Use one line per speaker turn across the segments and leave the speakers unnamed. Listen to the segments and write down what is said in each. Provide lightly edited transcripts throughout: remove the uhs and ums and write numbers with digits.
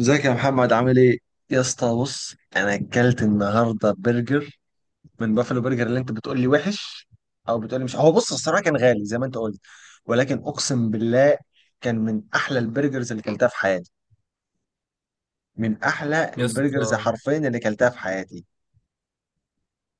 ازيك يا محمد عامل ايه؟ يا اسطى بص، انا اكلت النهارده برجر من بافلو برجر اللي انت بتقول لي وحش، او بتقول لي مش هو. بص، الصراحه كان غالي زي ما انت قلت، ولكن اقسم بالله كان من احلى البرجرز اللي كلتها في حياتي. من احلى
يا اسطى،
البرجرز حرفيا اللي كلتها في حياتي.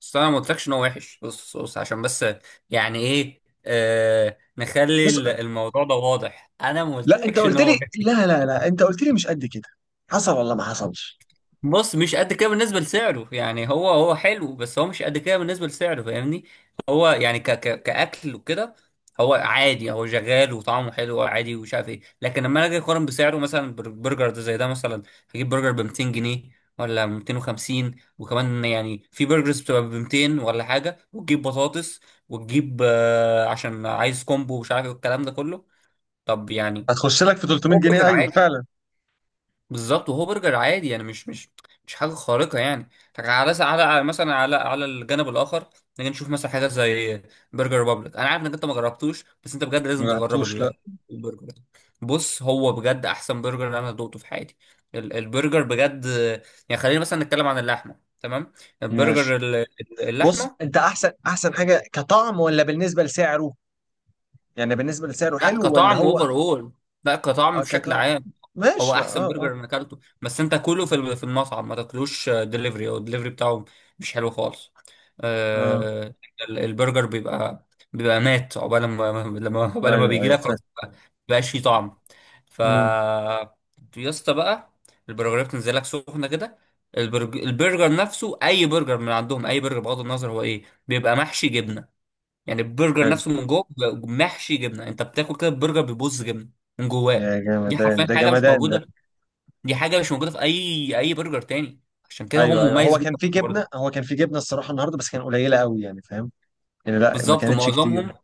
بس انا ما قلتلكش ان هو وحش. بص، عشان بس يعني ايه، نخلي
بص
الموضوع ده واضح. انا ما
لا، انت
قلتلكش ان
قلت
هو
لي،
وحش.
لا لا لا، انت قلت لي مش قد كده. حصل ولا ما حصلش؟
بص، مش قد كده بالنسبة لسعره. يعني هو حلو، بس هو مش قد كده بالنسبة لسعره، فاهمني؟ هو يعني ك ك كأكل وكده، هو عادي، هو شغال وطعمه حلو عادي ومش عارف ايه، لكن لما أنا اجي اقارن بسعره مثلا، برجر ده زي ده مثلا، هجيب برجر ب 200 جنيه ولا 250، وكمان يعني في برجرز بتبقى ب 200 ولا حاجة وتجيب بطاطس، وتجيب عشان عايز كومبو ومش عارف ايه والكلام ده كله. طب يعني
هتخش لك في 300
هو
جنيه
برجر
ايوه
عادي.
فعلا.
بالظبط، وهو برجر عادي. يعني مش حاجه خارقه يعني. لكن على مثلا، على على الجانب الاخر، نيجي نشوف مثلا حاجات زي برجر ريبابليك. انا عارف انك انت ما جربتوش، بس انت بجد
ما
لازم تجرب
جربتوش لا.
البرجر ده. بص هو بجد احسن برجر انا دوقته في حياتي. البرجر بجد. يعني خلينا مثلا نتكلم عن اللحمه. تمام، البرجر
ماشي. بص،
اللحمه.
انت احسن حاجه كطعم، ولا بالنسبه لسعره؟ يعني بالنسبة لسعره
لا
حلو، ولا
كطعم
هو؟
اوفر اول، لا كطعم
اه
بشكل
كده.
عام. هو
ماشي، لا،
احسن
اه، اه.
برجر انا اكلته، بس انت كله في في المطعم، ما تاكلوش دليفري، او الدليفري بتاعه مش حلو خالص.
اه،
آه، البرجر بيبقى، بيبقى مات، عقبال ما
ايوه
بيجي
ايوه
لك
فاهم.
خلاص بقاش فيه طعم. ف
مم،
يا اسطى بقى، البرجرات بتنزل لك سخنه كده. البرجر نفسه، اي برجر من عندهم، اي برجر بغض النظر هو ايه، بيبقى محشي جبنه. يعني البرجر
حلو.
نفسه من جوه بيبقى محشي جبنه. انت بتاكل كده البرجر بيبوظ جبنه من جواه.
يا
دي
جمدان
حرفيا
ده
حاجه مش
جمدان ده.
موجوده. دي حاجه مش موجوده في اي برجر تاني. عشان كده هو
ايوه ايوه، هو
مميز
كان
جدا
في
في الحوار ده.
جبنة، هو كان في جبنة الصراحة النهاردة، بس كان قليلة قوي يعني، فاهم؟ يعني لا، ما
بالظبط،
كانتش كتير.
ومعظمهم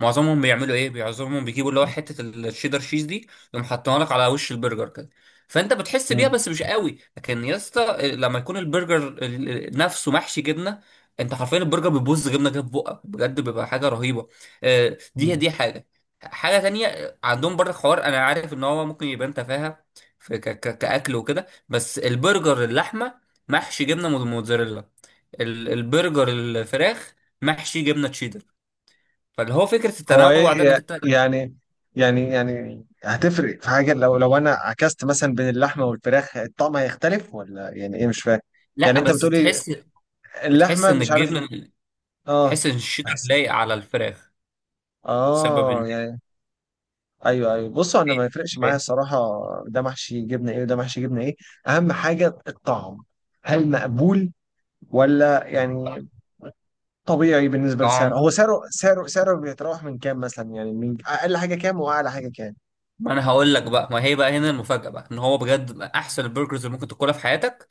معظمهم بيعملوا ايه؟ معظمهم بيجيبوا اللي هو حته الشيدر شيز دي، يقوم حاطينها لك على وش البرجر كده، فانت بتحس بيها
مم،
بس مش قوي. لكن يا اسطى، لما يكون البرجر نفسه محشي جبنه، انت حرفيا البرجر بيبوظ جبنه كده في بقك. بجد بيبقى حاجه رهيبه. آه، دي
مم.
دي حاجه. حاجه تانية عندهم برضه، حوار انا عارف ان هو ممكن يبان تفاهه في كاكل وكده، بس البرجر اللحمه محشي جبنه موتزاريلا، البرجر الفراخ محشي جبنه تشيدر. فاللي هو فكرة
هو ايه
التنوع ده، انك انت.
يعني؟ يعني هتفرق في حاجة لو انا عكست مثلا بين اللحمة والفراخ، الطعم هيختلف ولا يعني ايه؟ مش فاهم يعني
لا
انت
بس
بتقولي.
تحس، بتحس
اللحمة
ان
مش عارف.
الجبنة،
اه،
بتحس ان الشيدر
بحس.
لايق على الفراخ بسبب
اه
ان
يعني. ايوه ايوه، بصوا انا ما يفرقش معايا الصراحه، ده محشي جبنه ايه وده محشي جبنه ايه. اهم حاجه الطعم. هل مقبول ولا يعني طبيعي بالنسبه لسعره؟ هو
طعم.
سعره بيتراوح من كام مثلا، يعني من اقل حاجه كام واعلى حاجه كام؟
ما انا هقول لك بقى، ما هي بقى هنا المفاجأة بقى، ان هو بجد بقى احسن البرجرز اللي ممكن تاكلها في حياتك.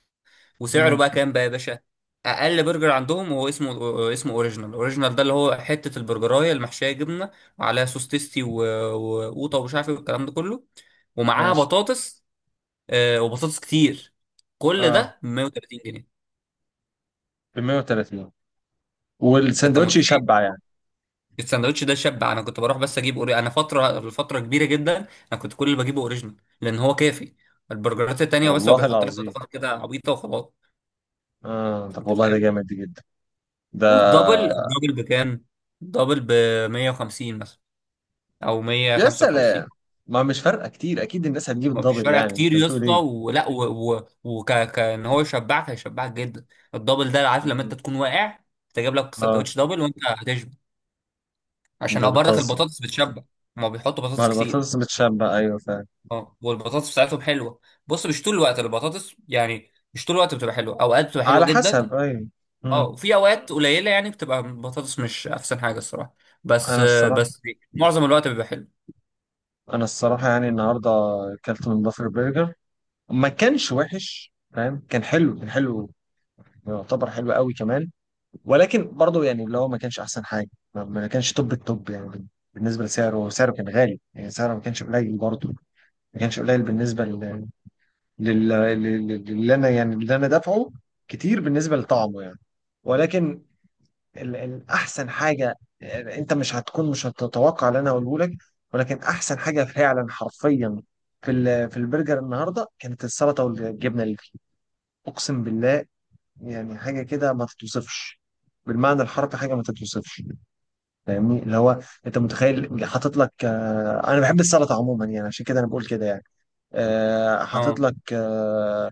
وسعره
امم
بقى كام بقى يا باشا؟ اقل برجر عندهم هو اسمه اوريجينال. اوريجينال ده اللي هو حتة البرجراية المحشية جبنة، وعليها سوس تيستي وقوطة ومش عارف ايه والكلام ده كله، ومعاها
ماشي.
بطاطس. وبطاطس كتير. كل
اه،
ده 130 جنيه.
ب 130؟
انت
والساندوتش
متخيل؟
يشبع يعني؟
الساندوتش ده شبع. انا كنت بروح بس اجيب انا فتره لفتره كبيره جدا انا كنت كل اللي بجيبه اوريجينال، لان هو كافي. البرجرات التانية بس هو
والله
بيحط لك
العظيم.
اضافات كده عبيطه وخلاص.
اه طب
انت
والله ده
فاهم؟
جامد جدا. ده
والدبل، الدبل بكام؟ الدبل ب 150 مثلا، او
يا
155.
سلام. ما مش فارقه كتير، اكيد الناس هتجيب
ما فيش
الدبل،
فرق
يعني
كتير
انت
يا
بتقول
اسطى،
ايه؟
ولا ان هو يشبعك هيشبعك جدا. الدبل ده، عارف لما انت
مم.
تكون واقع، تجيب لك
اه،
ساندوتش دبل وانت هتشبع،
ده
عشان برضك
بتهزر.
البطاطس بتشبع. هما بيحطوا
ما
بطاطس كتير.
البطاطس متشبع، أيوة فعلا.
اه، والبطاطس بتاعتهم حلوه. بص، مش طول الوقت البطاطس، يعني مش طول الوقت بتبقى حلوه. اوقات بتبقى حلوه
على
جدا،
حسب، أيوة.
اه،
مم.
وفي اوقات قليله يعني بتبقى البطاطس مش احسن حاجه الصراحه. بس،
أنا الصراحة.
بس معظم الوقت بيبقى حلو.
أنا الصراحة يعني النهاردة أكلت من بافر برجر. ما كانش وحش فاهم، كان حلو، كان حلو، يعتبر حلو قوي كمان. ولكن برضه يعني اللي هو ما كانش أحسن حاجة، ما كانش توب التوب يعني. بالنسبة لسعره، سعره كان غالي يعني، سعره ما كانش قليل برضه، ما كانش قليل بالنسبة للي أنا يعني، اللي أنا دافعه كتير بالنسبة لطعمه يعني. ولكن احسن حاجه، انت مش هتكون، مش هتتوقع اللي انا هقوله لك. ولكن احسن حاجه فعلا حرفيا في في البرجر النهارده كانت السلطه والجبنه اللي فيه. اقسم بالله يعني حاجه كده ما تتوصفش، بالمعنى الحرفي حاجه ما تتوصفش. فاهمني؟ اللي هو انت متخيل حاطط لك، انا بحب السلطه عموما يعني، عشان كده انا بقول كده يعني. آه، حاطط
اه
لك آه،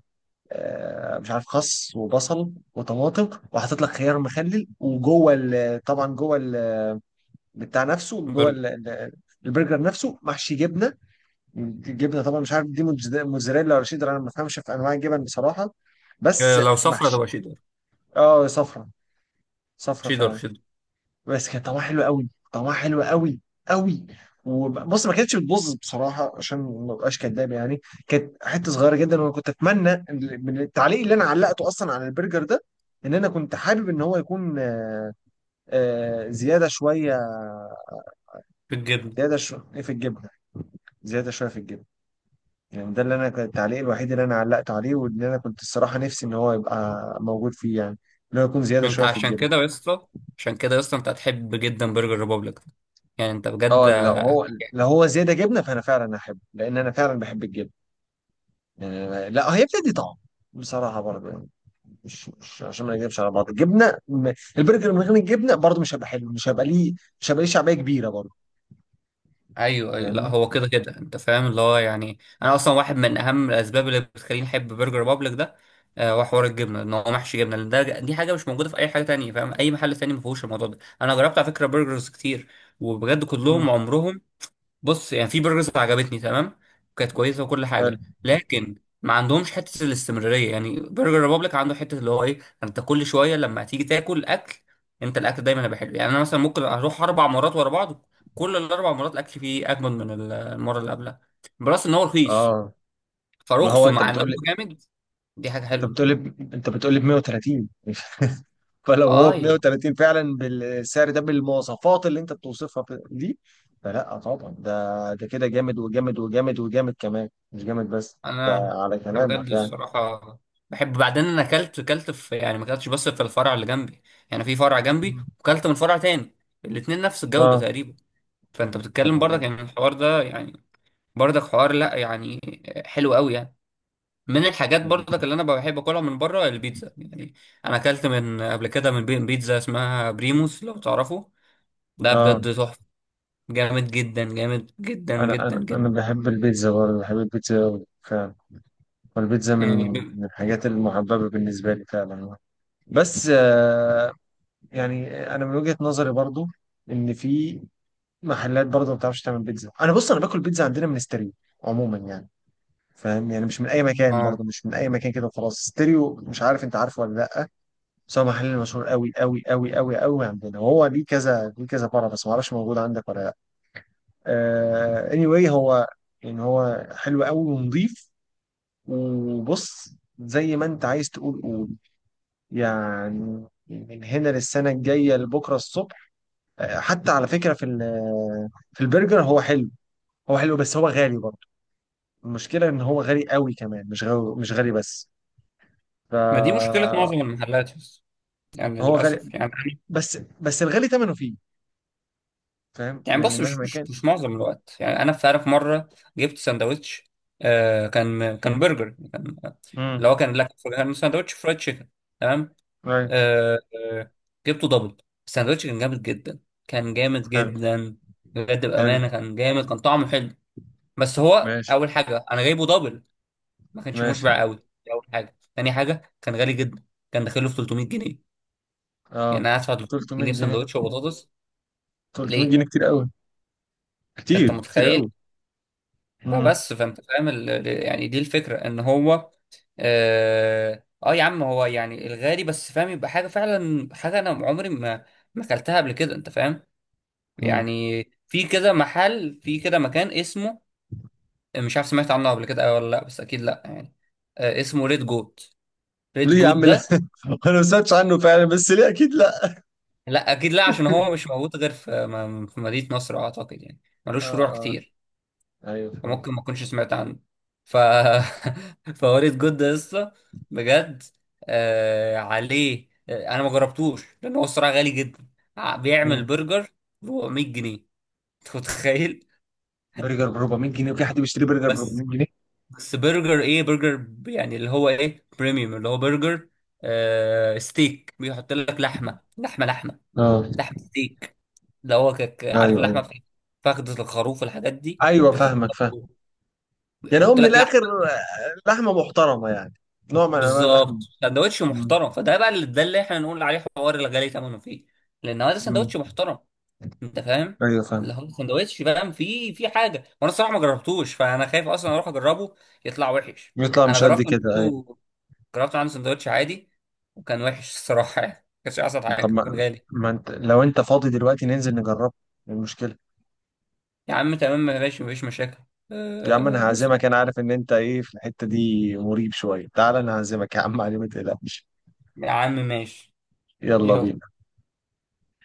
آه، مش عارف، خس وبصل وطماطم، وحاطط لك خيار مخلل، وجوه طبعا جوه بتاع نفسه، جوه
برجر.
البرجر نفسه محشي جبنه. جبنه طبعا مش عارف دي موتزاريلا ولا شيدر، انا ما بفهمش في انواع الجبن بصراحه، بس
لو سفره
محشي.
تبقى شيدر.
اه صفرة، صفرة
شيدر
فعلا.
شيدر
بس كان طعمها حلو قوي، طعمها حلو قوي قوي. وبص، ما كانتش بتبوظ بصراحه عشان ما ابقاش كداب يعني. كانت حته صغيره جدا، وانا كنت اتمنى من التعليق اللي انا علقته اصلا على البرجر ده، ان انا كنت حابب ان هو يكون، زياده شويه.
بالجبن.
زياده شويه في الجبنه، زياده شويه في الجبنه. يعني ده اللي انا كان التعليق الوحيد اللي انا علقت عليه، وان انا كنت الصراحه نفسي ان هو يبقى موجود فيه يعني، ان هو يكون زياده
انت
شويه في
عشان
الجبنه.
كده يا اسطى، عشان كده يا اسطى، انت هتحب جدا برجر ريبوبليك ده. يعني انت بجد.
اه لو هو، لو هو زياده جبنه فانا فعلا احبه، لان انا فعلا بحب الجبنه. يعني أنا، لا هي بتدي طعم بصراحه برضه يعني، مش عشان ما نكذبش على بعض. الجبنه، البرجر من غير الجبنه برضه مش هيبقى حلو، مش هيبقى ليه، مش هيبقى ليه شعبيه كبيره برضه.
ايوه ايوه، لا
فاهمني؟
هو كده كده انت فاهم اللي هو يعني، انا اصلا واحد من اهم الاسباب اللي بتخليني احب برجر بابليك ده، هو حوار الجبنه، ان هو محشي جبنه. لان ده، دي حاجه مش موجوده في اي حاجه تانية، فاهم؟ اي محل تاني ما فيهوش الموضوع ده. انا جربت على فكره برجرز كتير، وبجد
امم
كلهم عمرهم. بص يعني، في برجرز عجبتني تمام، كانت كويسه وكل
حلو.
حاجه، لكن ما عندهمش حته الاستمراريه. يعني برجر ريبابليك عنده حته اللي هو ايه، انت كل شويه لما تيجي تاكل اكل، انت الاكل دايما هيبقى حلو. يعني انا مثلا ممكن اروح 4 مرات ورا بعض، كل ال 4 مرات الاكل فيه اجمد من المره اللي قبلها. بلس ان هو رخيص،
اه، ما هو
فرخصه
انت
مع ان
بتقول
هو
لي،
جامد، دي حاجه
انت
حلوه.
بتقول لي انت بتقول لي ب 130، فلو هو
اه
ب
يعني.
130 فعلا بالسعر ده، بالمواصفات اللي انت بتوصفها دي، فلا طبعا ده، ده كده جامد وجامد وجامد وجامد كمان، مش جامد بس. ده
انا
على
انا بجد
كلامك يعني.
الصراحه بحب. بعدين انا اكلت في، يعني ما اكلتش بس في الفرع اللي جنبي، يعني في فرع جنبي
مم.
وكلت من فرع تاني. الاتنين نفس الجوده
اه
تقريبا. فانت بتتكلم
طبعا.
برضك يعني الحوار ده يعني، برضك حوار، لا يعني حلو قوي يعني. من الحاجات برضك اللي انا بحب اكلها من بره، البيتزا يعني. انا اكلت من قبل كده من بيتزا اسمها بريموس، لو تعرفه، ده
اه آه.
بجد تحفه. جامد جدا، جامد جدا
انا
جدا جدا.
بحب البيتزا برضه، بحب البيتزا أوي فعلا. والبيتزا
يعني
من
بي...
من الحاجات المحببة بالنسبة لي فعلا. بس آه، يعني انا من وجهة نظري برضه، ان في محلات برضه ما بتعرفش تعمل بيتزا. انا بص، انا باكل بيتزا عندنا من ستارين عموما يعني، فاهم يعني؟ مش من اي مكان
اه.
برضه، مش من اي مكان كده وخلاص. ستيريو، مش عارف انت عارفه ولا لا؟ بس هو محل مشهور قوي قوي قوي قوي قوي عندنا، وهو ليه كذا ليه كذا فرع، بس ما اعرفش موجود عندك ولا لا. Anyway هو يعني هو حلو قوي ونظيف. وبص، زي ما انت عايز تقول قول، يعني من هنا للسنه الجايه لبكره الصبح. حتى على فكره في في البرجر هو حلو، هو حلو بس هو غالي برضه. المشكله ان هو غالي قوي كمان، مش غالي، مش غالي بس. ف
ما دي مشكله معظم المحلات يعني،
هو غالي،
للأسف يعني.
بس بس الغالي ثمنه فيه، فاهم
يعني
يعني؟
بص، مش
مهما
مش
كان.
مش معظم الوقت يعني. أنا في، عارف مرة جبت ساندوتش، كان برجر، كان اللي
امم
هو كان لك كان ساندوتش فرايد تشيكن، تمام،
ايوه.
آه آه، جبته دبل. الساندوتش كان جامد جدا، كان جامد
حلو
جدا، بجد
حلو.
بأمانة كان جامد، كان طعمه حلو، بس هو
ماشي
أول حاجة أنا جايبه دبل، ما كانش
ماشي.
مشبع قوي. دي أول حاجة. تاني حاجة، كان غالي جدا. كان داخله في 300 جنيه. يعني
اه،
أنا هدفع 300
300
جنيه في
جنيه
ساندوتش وبطاطس؟
300
ليه؟
جنيه كتير قوي،
أنت
كتير
متخيل؟
قوي. امم.
فبس، فانت فاهم يعني دي الفكره، ان هو اه. يا عم، هو يعني الغالي بس فاهم، يبقى حاجه فعلا، حاجه انا عمري ما اكلتها قبل كده. انت فاهم؟
أمم.
يعني في كده محل، في كده مكان اسمه، مش عارف سمعت عنه قبل كده ولا لا، بس اكيد لا يعني. اسمه ريد جوت. ريد
ليه يا
جوت
عم؟ لا،
ده،
انا ما سمعتش عنه فعلا، بس ليه اكيد لا.
لا اكيد لا، عشان هو مش موجود غير في في مدينه نصر اعتقد يعني. ملوش
اه
فروع
اه،
كتير،
ايوه
وممكن
فهمت.
ما اكونش سمعت عنه. ف فوريد جود ده لسه بجد عليه. انا ما جربتوش لان هو الصراحه غالي جدا. بيعمل
أمم.
برجر ب 400 جنيه. انت متخيل؟
برجر ب 400 جنيه؟ وفي حد بيشتري برجر ب
بس،
400 جنيه؟
برجر ايه؟ برجر يعني اللي هو ايه، بريميوم، اللي هو برجر ستيك، بيحط لك لحمه،
اه،
لحمه ستيك. اللي هو عارف
ايوه ايوه
اللحمه في فخدة الخروف والحاجات دي،
ايوه
بيحط
فاهمك، فاهم.
لك،
يعني هو من
لحمه.
الاخر، لحمه محترمه يعني، نوع من انواع اللحم.
بالظبط، سندوتش
أمم.
محترم. فده بقى اللي، ده اللي احنا نقول عليه حوار الغالي ثمنه فيه، لان هو ده
أمم.
سندوتش محترم. انت فاهم؟
ايوه
اللي
فاهم.
هو سندوتش فاهم، فيه في حاجه. وانا الصراحه ما جربتوش، فانا خايف اصلا اروح اجربه يطلع وحش.
بيطلع
انا
مش قد
جربت من
كده،
عنده،
ايوه.
جربت عنده سندوتش عادي، وكان وحش الصراحه يعني. ما كانش احسن
طب
حاجه،
ما،
كان غالي.
ما انت لو انت فاضي دلوقتي ننزل نجربه. إيه المشكلة؟
يا عم تمام، ماشي، مفيش مشاكل.
يا عم
أه
انا
نصرف.
هعزمك، انا عارف ان انت ايه في الحتة دي مريب شوية، تعال انا هعزمك يا عم علي، ما تقلقش.
يا عم ماشي.
يلا
يلا.
بينا.